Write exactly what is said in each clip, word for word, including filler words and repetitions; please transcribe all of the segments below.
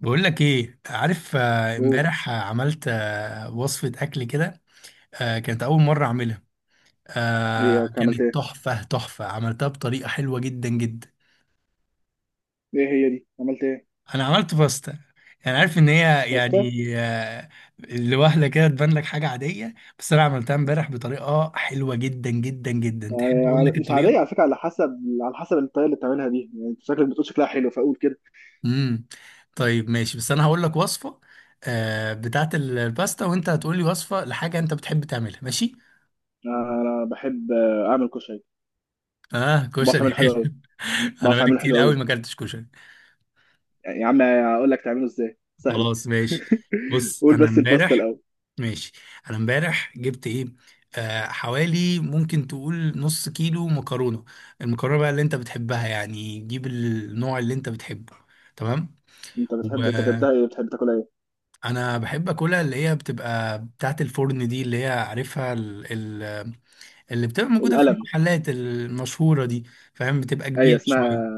بقول لك ايه عارف، آه، قول. امبارح آه، عملت آه، وصفة اكل كده. آه، كانت اول مرة اعملها. ايه آه، ياك، عملت كانت ايه؟ تحفة تحفة، عملتها بطريقة حلوة جدا جدا. ايه هي دي؟ عملت ايه؟ انا عملت باستا. يعني عارف ان هي باستا؟ يعني، آه، لوهلة كده تبان لك حاجة عادية. بس انا عملتها امبارح بطريقة حلوة جدا جدا جدا. تحب اقول آه، لك مش الطريقة؟ عادية على فكرة، على حسب على حسب الطريقة اللي بتعملها دي، يعني انت شكلك بتقول شكلها حلو، فقول كده. امم طيب، ماشي. بس انا هقول لك وصفة آه، بتاعت الباستا، وانت هتقول لي وصفة لحاجة انت بتحب تعملها. ماشي؟ آه، انا بحب آه، اعمل كشري، اه، وبعرف كشري. اعمله حلو قوي، انا بعرف بقالي اعمله حلو كتير قوي قوي. ما اكلتش كشري. يعني يا عم اقول لك تعمله ازاي، سهلة. خلاص، ماشي. بص، قول انا بس الباستا امبارح... الاول. ماشي. انا امبارح جبت ايه، آه حوالي ممكن تقول نص كيلو مكرونه. المكرونه بقى اللي انت بتحبها، يعني جيب النوع اللي انت بتحبه. تمام. انت بتحب انت بتحبها ايه، بتحب تاكلها ايه؟ وانا بحب اكلها اللي هي بتبقى بتاعت الفرن دي، اللي هي عارفها ال ال اللي بتبقى موجوده في القلم. المحلات المشهوره دي، فاهم، بتبقى ايوه كبيره اسمها شويه.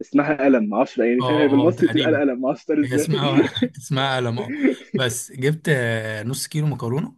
اسمها قلم، معرفش بقى يعني، فاهم، اه، هي اه، بالمصري بتتقال تقريبا. قلم، معرفش تتقال هي ازاي. اسمها اسمها لما... بس جبت آه، نص كيلو مكرونه.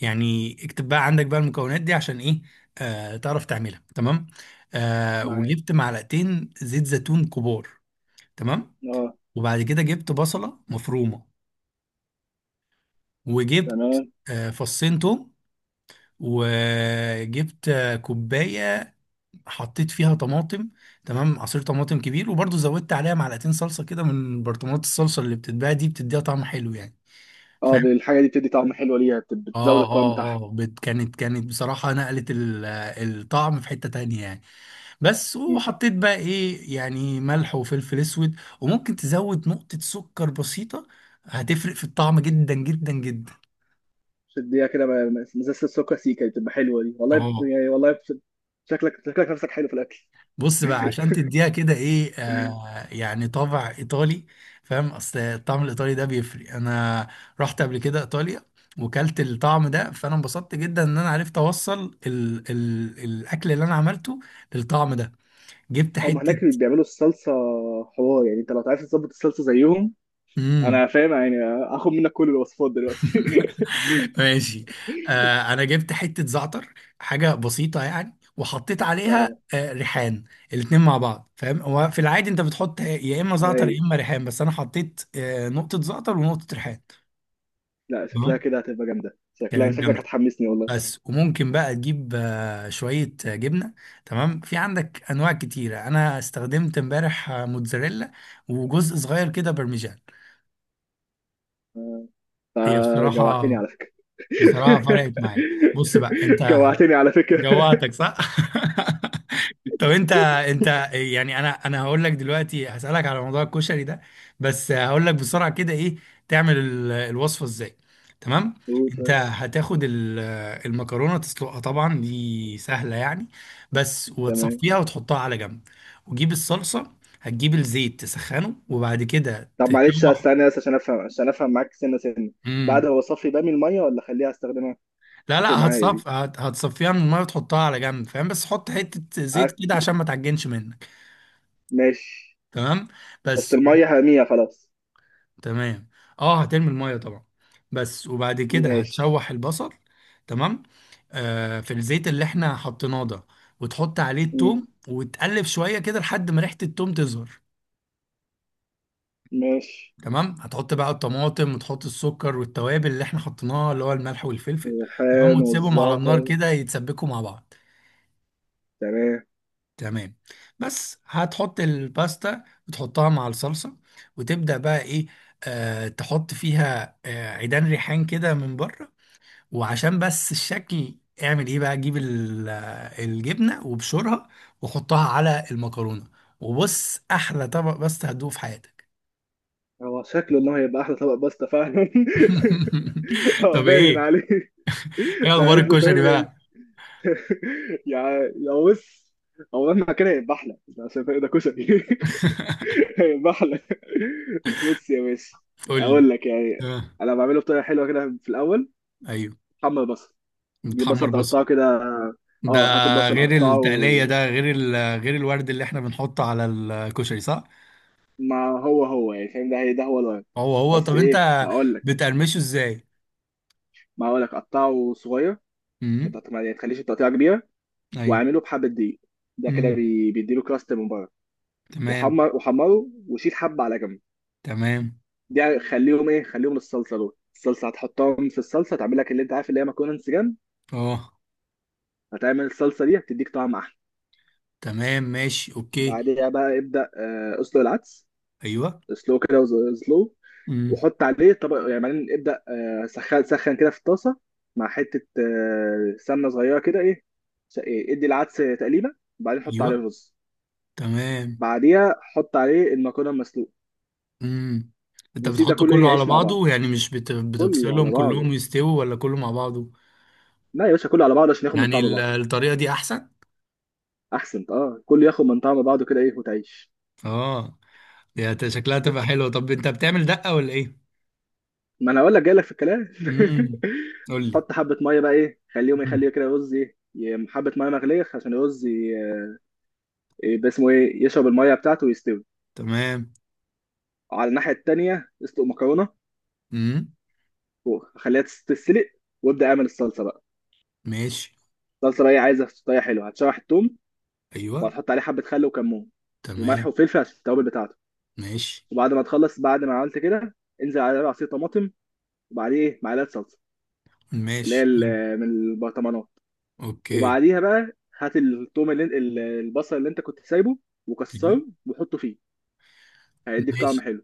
يعني اكتب بقى عندك بقى المكونات دي عشان ايه، آه تعرف تعملها. تمام. آه معايا. وجبت معلقتين زيت زيتون كبار. تمام. اه، وبعد كده جبت بصله مفرومه. وجبت تمام، آه فصين توم. وجبت آه، كوبايه، حطيت فيها طماطم. تمام، عصير طماطم كبير، وبرضه زودت عليها معلقتين صلصه كده من برطمانات الصلصه اللي بتتباع دي، بتديها طعم حلو يعني، اه. فاهم. الحاجة دي بتدي طعم حلو ليها، بت- بتزود اه، القوام بتاعها. اه. اه، بت- كانت كانت بصراحة نقلت ال- الطعم في حتة تانية يعني. بس، مم. وحطيت بقى ايه يعني، ملح وفلفل اسود، وممكن تزود نقطة سكر بسيطة. هتفرق في الطعم جدا جدا جدا. شديها كده بقى- مزازة السكر سيكا دي بتبقى حلوه دي، والله بت... اه. يعني والله بت... شكلك شكلك نفسك حلو في الاكل. بص بقى، عشان تديها كده ايه آه يعني طابع ايطالي، فاهم. اصل الطعم الايطالي ده بيفرق. انا رحت قبل كده ايطاليا وكلت الطعم ده، فانا انبسطت جدا ان انا عرفت اوصل ال ال الاكل اللي انا عملته للطعم ده. جبت او ما حتة... هناك بيعملوا الصلصه حوار، يعني انت لو عايز تظبط الصلصه زيهم. امم. انا فاهم يعني. هاخد منك كل الوصفات دلوقتي. ماشي. آه انا جبت حتة زعتر، حاجة بسيطة يعني، وحطيت عليها اه، آه ريحان. الاتنين مع بعض، فاهم. هو في العادي انت بتحط يا اما زعتر اي، يا اما ريحان، بس انا حطيت آه نقطة زعتر ونقطة ريحان. لا شكلها تمام. كده هتبقى جامده، شكلها كانت شكلك جامدة. هتحمسني والله. بس وممكن بقى تجيب آه شوية آه، جبنة. تمام، في عندك انواع كتيرة. انا استخدمت امبارح آه، موتزاريلا وجزء صغير كده برمجان. هي آه، بصراحة... جوعتني على فكره. بصراحة فرقت معايا. بص بقى انت... جوعتني على فكره. جوعتك، صح؟ طب انت... انت... يعني انا انا هقول لك دلوقتي، هسألك على موضوع الكشري ده. بس هقول لك بسرعة كده ايه، تعمل ال- الوصفة ازاي. تمام؟ قول انت طيب. هتاخد ال-... المكرونة تسلقها، طبعا دي سهلة يعني. بس تمام. وتصفيها وتحطها على جنب. وتجيب الصلصة. هتجيب الزيت تسخنه وبعد كده طب معلش تشوح. استنى بس عشان افهم عشان افهم معاك سنه سنه. بعد مم. هو صفي بقى من الميه، ولا اخليها استخدمها؟ لا، اتفق لا، معايا دي. هتصف هت- هتصفيها من الميه وتحطها على جنب، فاهم. بس حط حته زيت عك. كده عشان ما تعجنش منك. ماشي. تمام. بس بس و... المية هامية خلاص. تمام. اه، هترمي الميه طبعا. بس وبعد كده ماشي. هتشوح البصل. تمام، آه في الزيت اللي احنا حطيناه ده. وتحط عليه مم. التوم، وتقلب شويه كده لحد ما ريحه التوم تظهر. ماشي. تمام، هتحط بقى الطماطم، وتحط السكر والتوابل اللي احنا حطيناها، اللي هو الملح والفلفل. تمام، الريحان وتسيبهم على النار والزعتر. كده يتسبكوا مع بعض. تمام. تمام. بس هتحط الباستا وتحطها مع الصلصة. وتبدأ بقى ايه، آه تحط فيها آه عيدان ريحان كده من بره، وعشان بس الشكل. اعمل ايه بقى، جيب ال- آه، الجبنة وبشرها، وحطها على المكرونة. وبص، احلى طبق باستا هتدوقه في حياتك. هو شكله ان هو هيبقى احلى طبق باستا فعلا. اه، طب ايه. باين عليه. ايه ده اخبار عايز له، الكشري فاهم يعني. بقى؟ يا، يا بص، هو مهما كان هيبقى احلى، عشان فاهم ده كشري. هيبقى احلى. بص يا باشا. قول لي. اقول لك يعني، آه. انا بعمله بطريقه حلوه كده في الاول. ايوه، محمر بصل. دي متحمر بصل بصل. تقطعه كده. ده اه هات البصل غير قطعه. التقلية، ده غير ال... غير الورد اللي احنا بنحطه على الكشري، صح؟ ما هو هو يعني، فاهم، ده هي ده هو الغرض. هو هو. بس طب انت ايه هقول لك، بتقرمشه ازاي؟ ما هقول لك قطعه صغير، ما امم. تقط- ما- يعني تخليش التقطيعه كبيره. ايوه. واعمله بحبه دقيق. ده كده امم. بي- بيديله كراست من بره. تمام. وحمر وحمره وشيل حبه على جنب. تمام. دي خليهم ايه خليهم الصلصه، دول الصلصه هتحطهم في الصلصه، تعمل لك اللي انت عارف، اللي هي مكرونه انسجام. اه. هتعمل الصلصه دي هتديك طعم احلى. تمام، ماشي، اوكي. بعدها بقى ابدا آه، اسلق العدس. ايوه. سلو كده سلو. امم. وحط عليه طبق يعني، بعدين ابدأ آه، سخن سخن كده في الطاسة، مع حتة آه، سمنة صغيرة كده، ايه س- إيه، ادي العدس تقليبة. وبعدين حط ايوه. عليه الرز. تمام. بعديها حط عليه المكرونة المسلوقة. امم. انت وسيب ده بتحطه كله ايه كله على يعيش مع بعض. بعضه يعني، مش بت... كله بتفصلهم؟ على بعضه. كلهم يستووا ولا كله مع بعضه؟ لا يا باشا كله على بعضه، عشان ياخد من يعني طعم ال- بعض. الطريقة دي احسن؟ احسن، اه، كله ياخد من طعم بعضه كده ايه وتعيش. اه. يا ت- شكلها تبقى حلوة. طب انت بتعمل دقة ولا ايه؟ ما انا اقول لك جاي لك في الكلام. امم. قول. حط حبة مية بقى، ايه خليهم لي يخليه كده رز ايه ي- حبة مية مغلية عشان الرز. إيه ده اسمه ايه، يشرب الميه بتاعته ويستوي. تمام. وعلى الناحيه التانيه اسلق مكرونه، امم. وخليها تس- تتسلق. وابدا اعمل الصلصه بقى. ماشي. الصلصه بقى إيه، عايزه طريقه حلوه، هتشوح التوم، ايوه. وهتحط عليه حبه خل وكمون، وملح تمام. وفلفل عشان التوابل بتاعته. ماشي. وبعد ما تخلص بعد ما عملت كده، انزل عليه بعصير طماطم، وبعديه معلقه صلصه اللي هي ماشي، ال- من البرطمانات. اوكي. وبعديها بقى هات التوم اللي ال- البصل اللي انت كنت سايبه، وكسره وحطه فيه، هيديك طعم ماشي. حلو.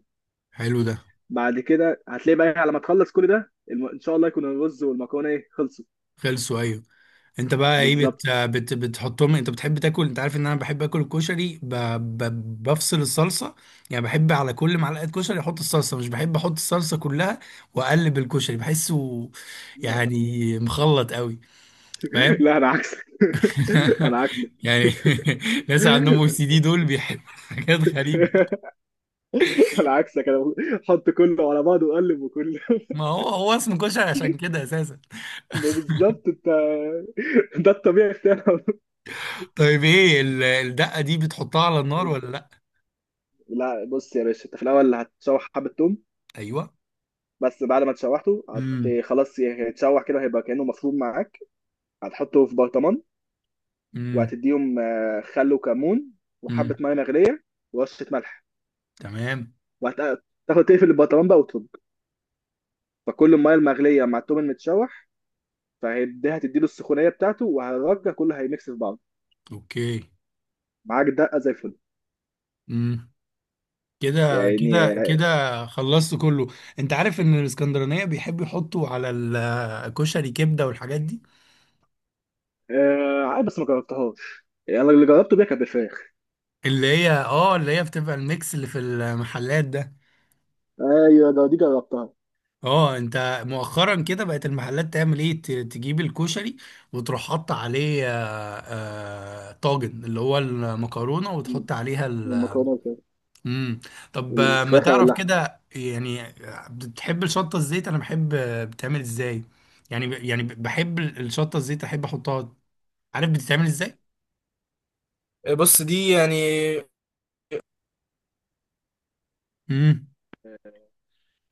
حلو ده. بعد كده هتلاقي بقى، على ما تخلص كل ده، الم... ان شاء الله يكون الرز والمكرونه ايه خلصوا. خلصوا، ايوه. انت بقى ايه، بالظبط. بت... بت... بتحطهم. انت بتحب تاكل، انت عارف ان انا بحب اكل الكشري ب... ب... بفصل الصلصه. يعني بحب على كل معلقه كشري احط الصلصه، مش بحب احط الصلصه كلها واقلب الكشري، بحسه يعني مخلط قوي، فاهم. لا انا عكسك. انا عكسك. يعني ناس عندهم او سي دي دول بيحبوا حاجات غريبه. انا عكسك انا، حط كله على بعضه وقلب وكله. ما هو هو اسمه كشري عشان كده اساسا. بالظبط انت، ده الطبيعي بتاعنا. طيب، ايه ال- الدقة دي، بتحطها على النار ولا لا؟ لا بص يا باشا، انت في الاول هتشوح حبه توم، ايوه. بس بعد ما تشوحته امم. هت خلاص، هيتشوح كده، هيبقى كانه مفروم معاك. هتحطه في برطمان، امم. وهتديهم آه، خل وكمون، امم. وحبه ميه مغليه، ورشه ملح. تمام. وهتاخد تقفل البطلان بقى وترج، فكل الميه المغليه مع التوم المتشوح، فهيديها تديله السخونيه بتاعته، وهرجع كله هيميكس في بعض. اوكي. معاك دقه زي الفل. امم. كده يعني. كده كده، خلصت كله. انت عارف ان الاسكندرانيه بيحبوا يحطوا على الكشري كبده والحاجات دي. آه عادي بس ما جربتهاش يعني، انا اللي جربته بيها كانت بالفراخ. اللي هي اه اللي هي بتبقى الميكس اللي في المحلات ده. ايوه ده دي جربتها. اه، انت مؤخرا كده بقت المحلات تعمل ايه، ت- تجيب الكشري وتروح حاطه عليه آه، آه، طاجن اللي هو المكرونه، م. وتحط عليها ال... المكرونه والفراخ. مم. طب، آه، ما الفراخ او تعرف اللحم. كده يعني آه، بتحب الشطه الزيت، انا بحب آه، بتعمل ازاي؟ يعني ب- يعني ب- بحب ال- الشطه الزيت، احب احطها. عارف بتتعمل ازاي؟ بص دي يعني، امم.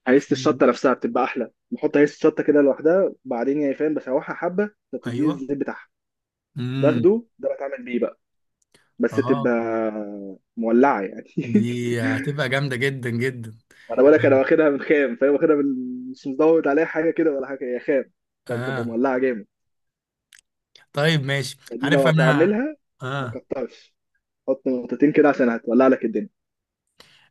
هيست الشطه نفسها بتبقى احلى، بحط هيست الشطه كده لوحدها بعدين، يعني فاهم، بشوحها حبه فبتديني ايوه. الزيت بتاعها، امم. باخده ده بتعمل بيه بقى، بس تبقى اه، مولعه يعني. دي هتبقى جامده جدا جدا. انا بقول لك، انا واخدها من خام، فاهم، واخدها من مش مزود عليها حاجه كده ولا حاجه، هي خام، فبتبقى اه. مولعه جامد. طيب، ماشي. فدي عارف لو انا... هتعملها ما اه. تكترش، حط نقطتين كده عشان هتولع لك الدنيا.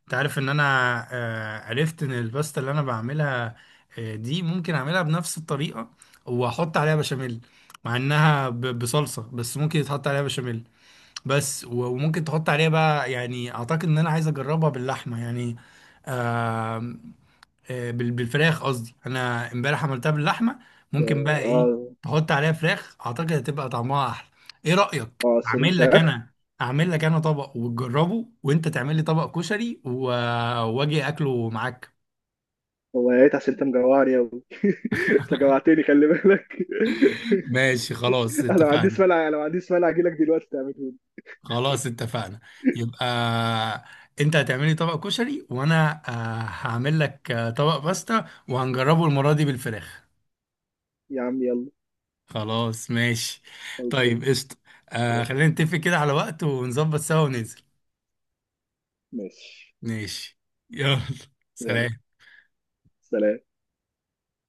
انت عارف ان انا آه عرفت ان الباستا اللي انا بعملها آه دي ممكن اعملها بنفس الطريقه، واحط عليها بشاميل. مع انها ب- بصلصه، بس ممكن يتحط عليها بشاميل. بس و- وممكن تحط عليها بقى، يعني اعتقد ان انا عايز اجربها باللحمه يعني، آه، بال- بالفراخ قصدي. انا امبارح عملتها باللحمه. ممكن بقى ايه، اه، تحط عليها فراخ، اعتقد هتبقى طعمها احلى. ايه رايك، اه الصدور اعمل لك فراخ. انا... اعمل لك انا طبق وتجربه، وانت تعمل لي طبق كشري و- واجي اكله معاك. هو يا ريت، عشان انت مجوعني يا ابني. انت جوعتني، خلي بالك. ماشي، خلاص، انا ما عنديش اتفقنا. مانع، انا ما عنديش مانع، اجي لك دلوقتي تعمله لي. خلاص، اتفقنا. يبقى انت هتعملي طبق كشري، وانا آه، هعمل لك آه، طبق باستا، وهنجربه المره دي بالفراخ. يا عم يلا. خلاص، ماشي. خلصان. طيب، قشطة. آه يلا. خلينا نتفق كده على وقت، ونظبط سوا وننزل. ماشي. ماشي. يلا، يلا. سلام. سلام.